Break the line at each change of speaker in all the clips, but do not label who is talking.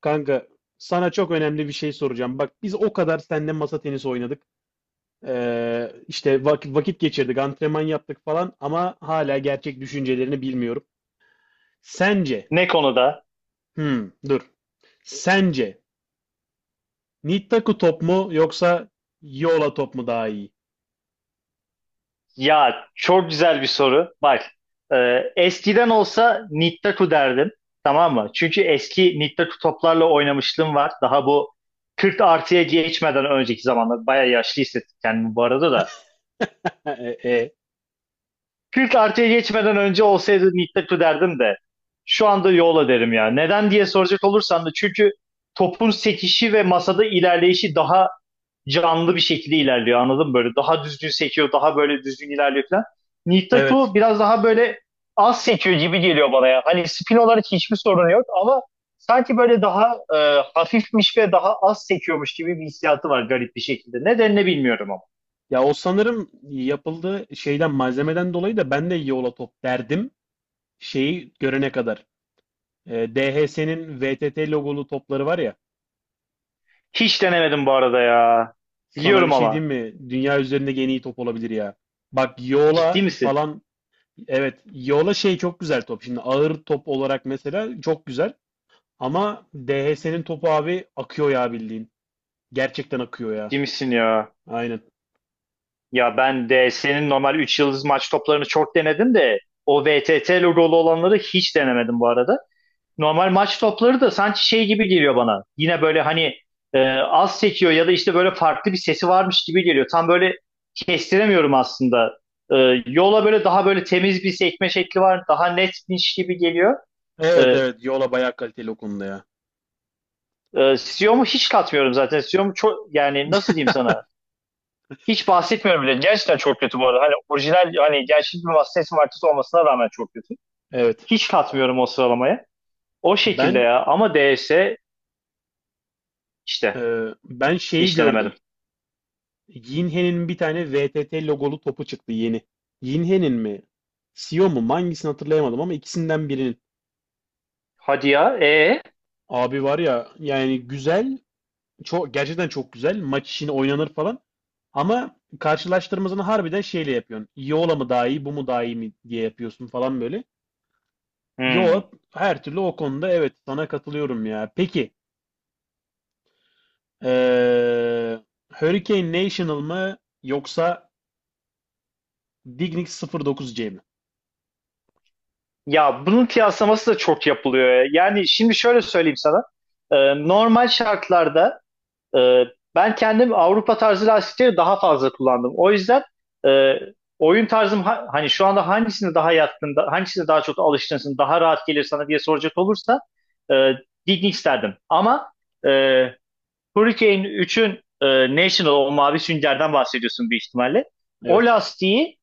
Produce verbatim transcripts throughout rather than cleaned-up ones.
Kanka sana çok önemli bir şey soracağım. Bak biz o kadar seninle masa tenisi oynadık. Ee, işte vakit, vakit geçirdik, antrenman yaptık falan ama hala gerçek düşüncelerini bilmiyorum. Sence,
Ne konuda?
hmm, dur. Sence Nittaku top mu yoksa Yola top mu daha iyi?
Ya çok güzel bir soru. Bak e, eskiden olsa Nittaku derdim. Tamam mı? Çünkü eski Nittaku toplarla oynamışlığım var. Daha bu kırk artıya geçmeden önceki zamanlar. Baya yaşlı hissettim kendimi bu arada da.
E, e, e.
kırk artıya geçmeden önce olsaydı Nittaku derdim de. Şu anda Yola derim ya. Neden diye soracak olursan da çünkü topun sekişi ve masada ilerleyişi daha canlı bir şekilde ilerliyor, anladın mı? Böyle daha düzgün sekiyor, daha böyle düzgün ilerliyor falan. Nihil Taku
Evet.
biraz daha böyle az sekiyor gibi geliyor bana ya. Hani spin olarak hiçbir sorun yok ama sanki böyle daha e, hafifmiş ve daha az sekiyormuş gibi bir hissiyatı var garip bir şekilde. Nedenini bilmiyorum ama.
Ya o sanırım yapıldığı şeyden malzemeden dolayı da ben de Yola top derdim. Şeyi görene kadar. Ee, D H S'nin V T T logolu topları var ya.
Hiç denemedim bu arada ya.
Sana bir
Biliyorum
şey
ama.
diyeyim mi? Dünya üzerinde en iyi top olabilir ya. Bak Yola
Ciddi misin?
falan. Evet, Yola şey çok güzel top. Şimdi ağır top olarak mesela çok güzel. Ama D H S'nin topu abi akıyor ya bildiğin. Gerçekten akıyor ya.
Ciddi misin ya?
Aynen.
Ya ben de senin normal üç yıldız maç toplarını çok denedim de o V T T logolu olanları hiç denemedim bu arada. Normal maç topları da sanki şey gibi geliyor bana. Yine böyle hani e, az çekiyor ya da işte böyle farklı bir sesi varmış gibi geliyor. Tam böyle kestiremiyorum aslında. E, yola böyle daha böyle temiz bir sekme şekli var. Daha netmiş gibi geliyor.
Evet,
E,
evet, Yola bayağı kaliteli o konuda ya.
e, Siyom'u hiç katmıyorum zaten. Siyom'u çok, yani nasıl diyeyim sana? Hiç bahsetmiyorum bile. Gerçekten çok kötü bu arada. Hani orijinal, hani gerçek bir ses markası olmasına rağmen çok kötü.
Evet.
Hiç katmıyorum o sıralamaya. O şekilde
Ben
ya. Ama D S işte
e, ben şeyi
hiç denemedim.
gördüm. Yinhe'nin bir tane V T T logolu topu çıktı yeni. Yinhe'nin mi? Sio mu? Hangisini hatırlayamadım ama ikisinden birinin.
Hadi ya. E.
Abi var ya, yani güzel, çok gerçekten çok güzel, maç işini oynanır falan ama karşılaştırmasını harbiden şeyle yapıyorsun. Yola mı daha iyi, bu mu daha iyi mi diye yapıyorsun falan böyle.
Hmm.
Yola her türlü o konuda, evet, sana katılıyorum ya. Peki eee Hurricane National mı yoksa Dignics sıfır dokuz C mi?
Ya bunun kıyaslaması da çok yapılıyor. Yani şimdi şöyle söyleyeyim sana. Ee, normal şartlarda e, ben kendim Avrupa tarzı lastikleri daha fazla kullandım. O yüzden e, oyun tarzım ha- hani şu anda hangisine daha yatkın, da- hangisine daha çok alışkınsın, daha rahat gelir sana diye soracak olursa e, Dignics derdim. Ama e, Hurricane üçün e, National, o mavi süngerden bahsediyorsun bir ihtimalle. O
Evet.
lastiği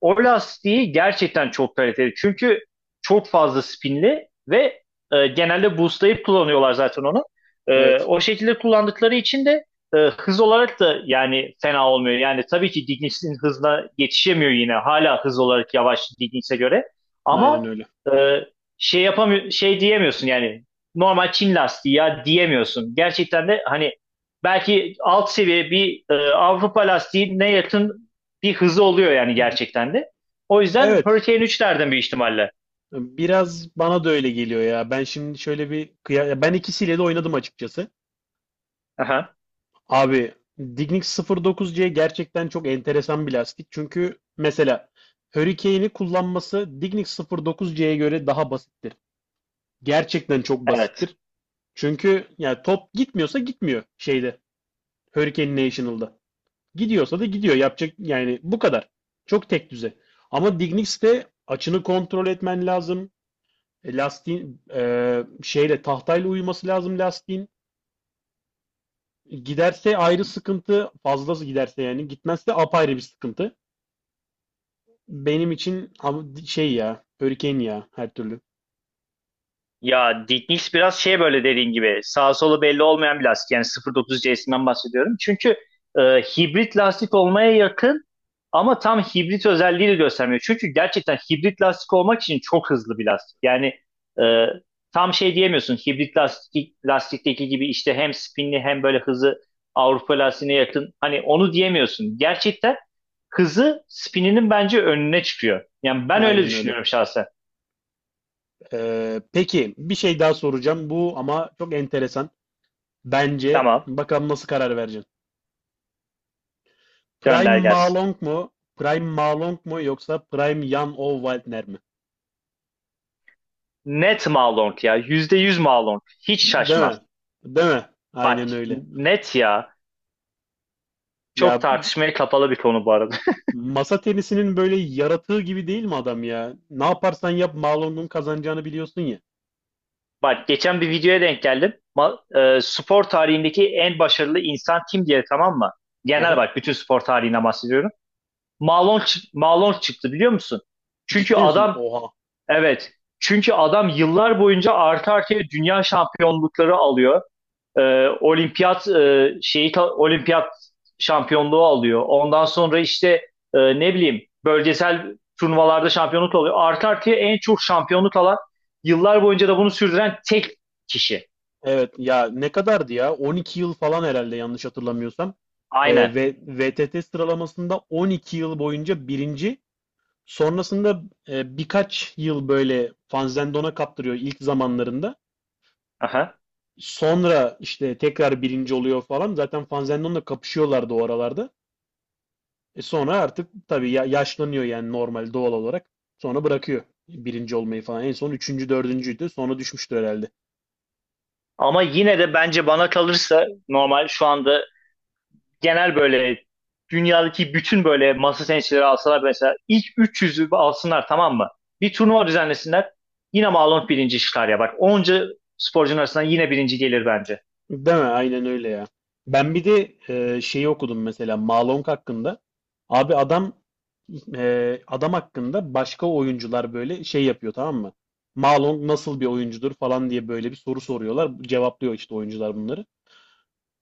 o lastiği gerçekten çok kaliteli. Çünkü çok fazla spinli ve e, genelde boostlayıp kullanıyorlar zaten onu. E,
Evet.
o şekilde kullandıkları için de e, hız olarak da yani fena olmuyor. Yani tabii ki Dignics'in hızına yetişemiyor yine. Hala hız olarak yavaş Dignics'e göre.
Aynen
Ama
öyle.
e, şey yapamıyor, şey diyemiyorsun yani, normal Çin lastiği ya diyemiyorsun. Gerçekten de hani belki alt seviye bir e, Avrupa lastiğine yakın bir hızı oluyor yani gerçekten de. O yüzden
Evet.
Hurricane üçlerden bir ihtimalle.
Biraz bana da öyle geliyor ya. Ben şimdi şöyle bir kıya- Ya ben ikisiyle de oynadım açıkçası.
Aha,
Abi Dignics sıfır dokuz C gerçekten çok enteresan bir lastik. Çünkü mesela Hurricane'i kullanması Dignics sıfır dokuz C'ye göre daha basittir. Gerçekten çok
evet.
basittir. Çünkü yani top gitmiyorsa gitmiyor şeyde, Hurricane National'da. Gidiyorsa da gidiyor. Yapacak yani bu kadar. Çok tek düze. Ama Dignics'te açını kontrol etmen lazım. E, Lastiğin e, şeyle tahtayla uyuması lazım lastiğin. Giderse ayrı sıkıntı, fazlası giderse yani. Gitmezse apayrı bir sıkıntı. Benim için av- şey ya, Hurricane ya her türlü.
Ya Dignics biraz şey, böyle dediğin gibi sağ solu belli olmayan bir lastik. Yani sıfır virgül otuz C S'inden bahsediyorum. Çünkü e, hibrit lastik olmaya yakın ama tam hibrit özelliği de göstermiyor. Çünkü gerçekten hibrit lastik olmak için çok hızlı bir lastik. Yani e, tam şey diyemiyorsun, hibrit lastik, lastikteki gibi işte hem spinli hem böyle hızı Avrupa lastiğine yakın. Hani onu diyemiyorsun. Gerçekten hızı spininin bence önüne çıkıyor. Yani ben öyle
Aynen öyle.
düşünüyorum şahsen.
Ee, peki bir şey daha soracağım. Bu ama çok enteresan. Bence
Tamam,
bakalım nasıl karar vereceksin. Prime
gönder gelsin.
Malong mu? Prime Malong mu yoksa Prime Jan Olwaltner mi?
Net Malong ya. Yüzde yüz Malong. Hiç
Değil
şaşmaz.
mi? Değil mi? Aynen öyle.
Net ya. Çok
Ya
tartışmaya kapalı bir konu bu arada.
masa tenisinin böyle yaratığı gibi değil mi adam ya? Ne yaparsan yap, Marlon'un kazanacağını biliyorsun ya.
Bak geçen bir videoya denk geldim. Ma- e, spor tarihindeki en başarılı insan kim diye, tamam mı? Genel
Aha.
bak, bütün spor tarihinden bahsediyorum. Malong, çı- Malong çıktı, biliyor musun? Çünkü
Ciddi misin?
adam
Oha.
evet. Çünkü adam yıllar boyunca arka arkaya dünya şampiyonlukları alıyor. E, olimpiyat e, şeyi olimpiyat şampiyonluğu alıyor. Ondan sonra işte e, ne bileyim bölgesel turnuvalarda şampiyonluk alıyor. Artı artıya en çok şampiyonluk alan, yıllar boyunca da bunu sürdüren tek kişi.
Evet ya, ne kadardı ya? on iki yıl falan herhalde, yanlış hatırlamıyorsam. Ee,
Aynen.
ve V T T sıralamasında on iki yıl boyunca birinci. Sonrasında e, birkaç yıl böyle Fanzendon'a kaptırıyor ilk zamanlarında.
Aha.
Sonra işte tekrar birinci oluyor falan. Zaten Fanzendon'la kapışıyorlardı o aralarda. E sonra artık tabii ya- yaşlanıyor yani, normal, doğal olarak. Sonra bırakıyor birinci olmayı falan. En son üçüncü, dördüncüydü. Sonra düşmüştür herhalde.
Ama yine de bence, bana kalırsa normal şu anda genel böyle dünyadaki bütün böyle masa tenisçileri alsalar, mesela ilk üç yüzü alsınlar, tamam mı? Bir turnuva düzenlesinler. Yine Malone birinci çıkar ya bak. Onca sporcunun arasından yine birinci gelir bence.
Değil mi? Aynen öyle ya. Ben bir de e, şeyi okudum mesela Malong hakkında. Abi adam e, adam hakkında başka oyuncular böyle şey yapıyor, tamam mı? Malong nasıl bir oyuncudur falan diye böyle bir soru soruyorlar. Cevaplıyor işte oyuncular bunları.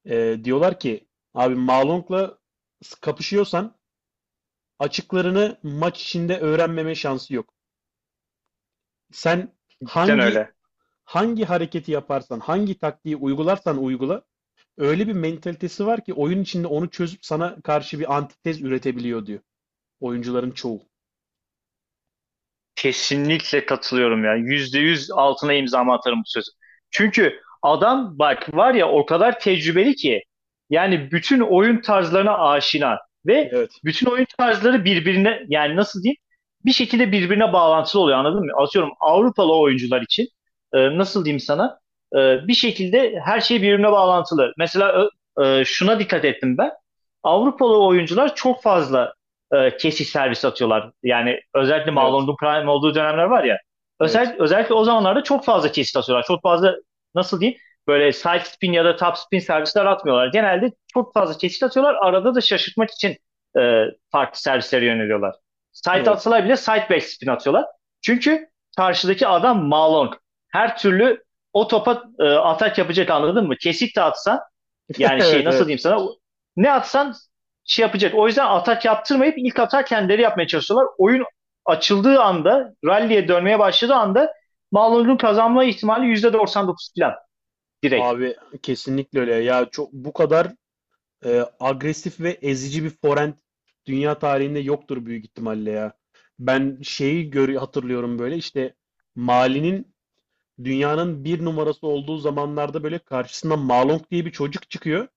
Ee, diyorlar ki, abi, Malong'la s- kapışıyorsan açıklarını maç içinde öğrenmeme şansı yok. Sen
Cidden
hangi
öyle.
hangi hareketi yaparsan, hangi taktiği uygularsan uygula, öyle bir mentalitesi var ki oyun içinde onu çözüp sana karşı bir antitez üretebiliyor, diyor oyuncuların çoğu.
Kesinlikle katılıyorum ya. Yüzde yüz altına imzamı atarım bu sözü. Çünkü adam bak var ya, o kadar tecrübeli ki yani bütün oyun tarzlarına aşina ve
Evet,
bütün oyun tarzları birbirine, yani nasıl diyeyim, bir şekilde birbirine bağlantılı oluyor, anladın mı? Atıyorum Avrupalı oyuncular için e, nasıl diyeyim sana, e, bir şekilde her şey birbirine bağlantılı. Mesela ö- e, şuna dikkat ettim ben. Avrupalı oyuncular çok fazla e, kesiş servisi atıyorlar. Yani özellikle
evet,
Malone Prime olduğu dönemler var ya.
evet,
Özel, özellikle o zamanlarda çok fazla kesit atıyorlar. Çok fazla, nasıl diyeyim, böyle side spin ya da top spin servisler atmıyorlar. Genelde çok fazla kesit atıyorlar. Arada da şaşırtmak için e, farklı servislere yöneliyorlar. Side
evet,
atsalar bile side back spin atıyorlar. Çünkü karşıdaki adam Malone. Her türlü o topa e, atak yapacak, anladın mı? Kesit de atsan yani şey,
evet,
nasıl
evet.
diyeyim sana, ne atsan şey yapacak. O yüzden atak yaptırmayıp ilk atak kendileri yapmaya çalışıyorlar. Oyun açıldığı anda, rally'e dönmeye başladığı anda Malum'un kazanma ihtimali yüzde doksan dokuz falan, direkt.
Abi, kesinlikle öyle. Ya çok, bu kadar e, agresif ve ezici bir forend dünya tarihinde yoktur büyük ihtimalle ya. Ben şeyi gör hatırlıyorum, böyle işte Mali'nin dünyanın bir numarası olduğu zamanlarda böyle karşısına Malong diye bir çocuk çıkıyor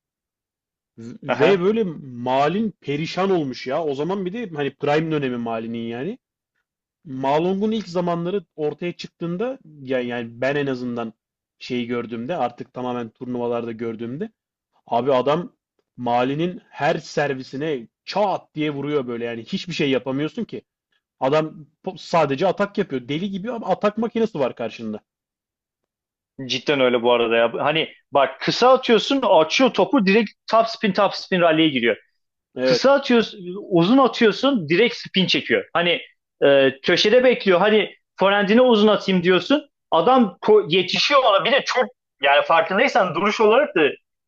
ve
Aha.
böyle Malin perişan olmuş ya. O zaman bir de hani prime dönemi Mali'nin yani. Malong'un ilk zamanları ortaya çıktığında yani, yani ben en azından şeyi gördüğümde, artık tamamen turnuvalarda gördüğümde, abi adam Mali'nin her servisine çat diye vuruyor böyle, yani hiçbir şey yapamıyorsun ki. Adam po- sadece atak yapıyor. Deli gibi, ama atak makinesi var karşında.
Cidden öyle bu arada ya. Hani bak, kısa atıyorsun, açıyor topu, direkt top spin, top spin rally'e giriyor. Kısa
Evet,
atıyorsun, uzun atıyorsun direkt spin çekiyor. Hani e, köşede bekliyor. Hani forendine uzun atayım diyorsun. Adam yetişiyor ona. Bir de çok, yani farkındaysan duruş olarak da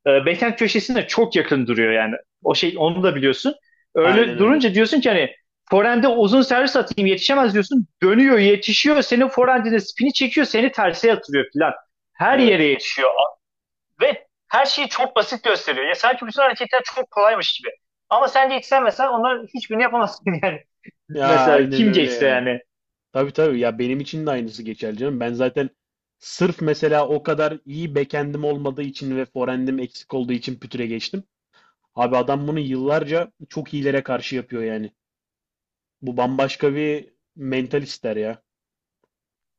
e, backhand köşesine çok yakın duruyor yani. O şey, onu da biliyorsun.
aynen
Öyle
öyle.
durunca diyorsun ki hani forende uzun servis atayım yetişemez diyorsun. Dönüyor, yetişiyor. Senin forendine spini çekiyor. Seni terse yatırıyor filan. Her yere
Evet.
yetişiyor. Ve her şeyi çok basit gösteriyor. Ya sanki bütün hareketler çok kolaymış gibi. Ama sen geçsen mesela onların hiçbirini yapamazsın yani.
Ya
Mesela
aynen
kim
öyle
geçse
ya.
yani.
Tabii, tabii ya, benim için de aynısı geçerli canım. Ben zaten sırf mesela o kadar iyi backend'im olmadığı için ve forehand'im eksik olduğu için pütüre geçtim. Abi adam bunu yıllarca çok iyilere karşı yapıyor yani. Bu bambaşka bir mental ister ya.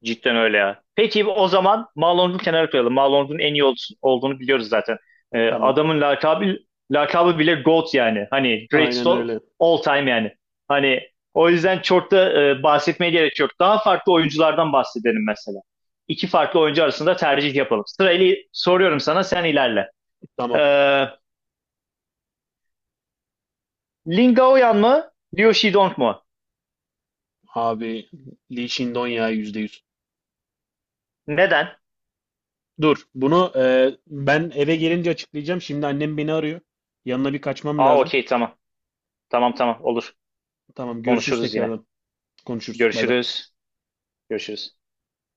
Cidden öyle ya. Peki o zaman Malong'u kenara koyalım. Malong'un en iyi ol- olduğunu biliyoruz zaten. Ee,
Tamam.
adamın lakabı, lakabı bile GOAT yani. Hani greatest
Aynen
all,
öyle.
all time yani. Hani o yüzden çok da e, bahsetmeye gerek yok. Daha farklı oyunculardan bahsedelim mesela. İki farklı oyuncu arasında tercih yapalım. Sırayla soruyorum sana, sen ilerle.
Tamam
Ee, Lin Gaoyan mı? Liu Shidong mu?
abi, Lee Shindon ya, yüzde yüz.
Neden?
Dur, bunu e, ben eve gelince açıklayacağım. Şimdi annem beni arıyor. Yanına bir kaçmam
Aa,
lazım.
okey, tamam. Tamam tamam, olur.
Tamam, görüşürüz
Konuşuruz yine.
tekrardan. Konuşuruz. Bay bay.
Görüşürüz. Görüşürüz.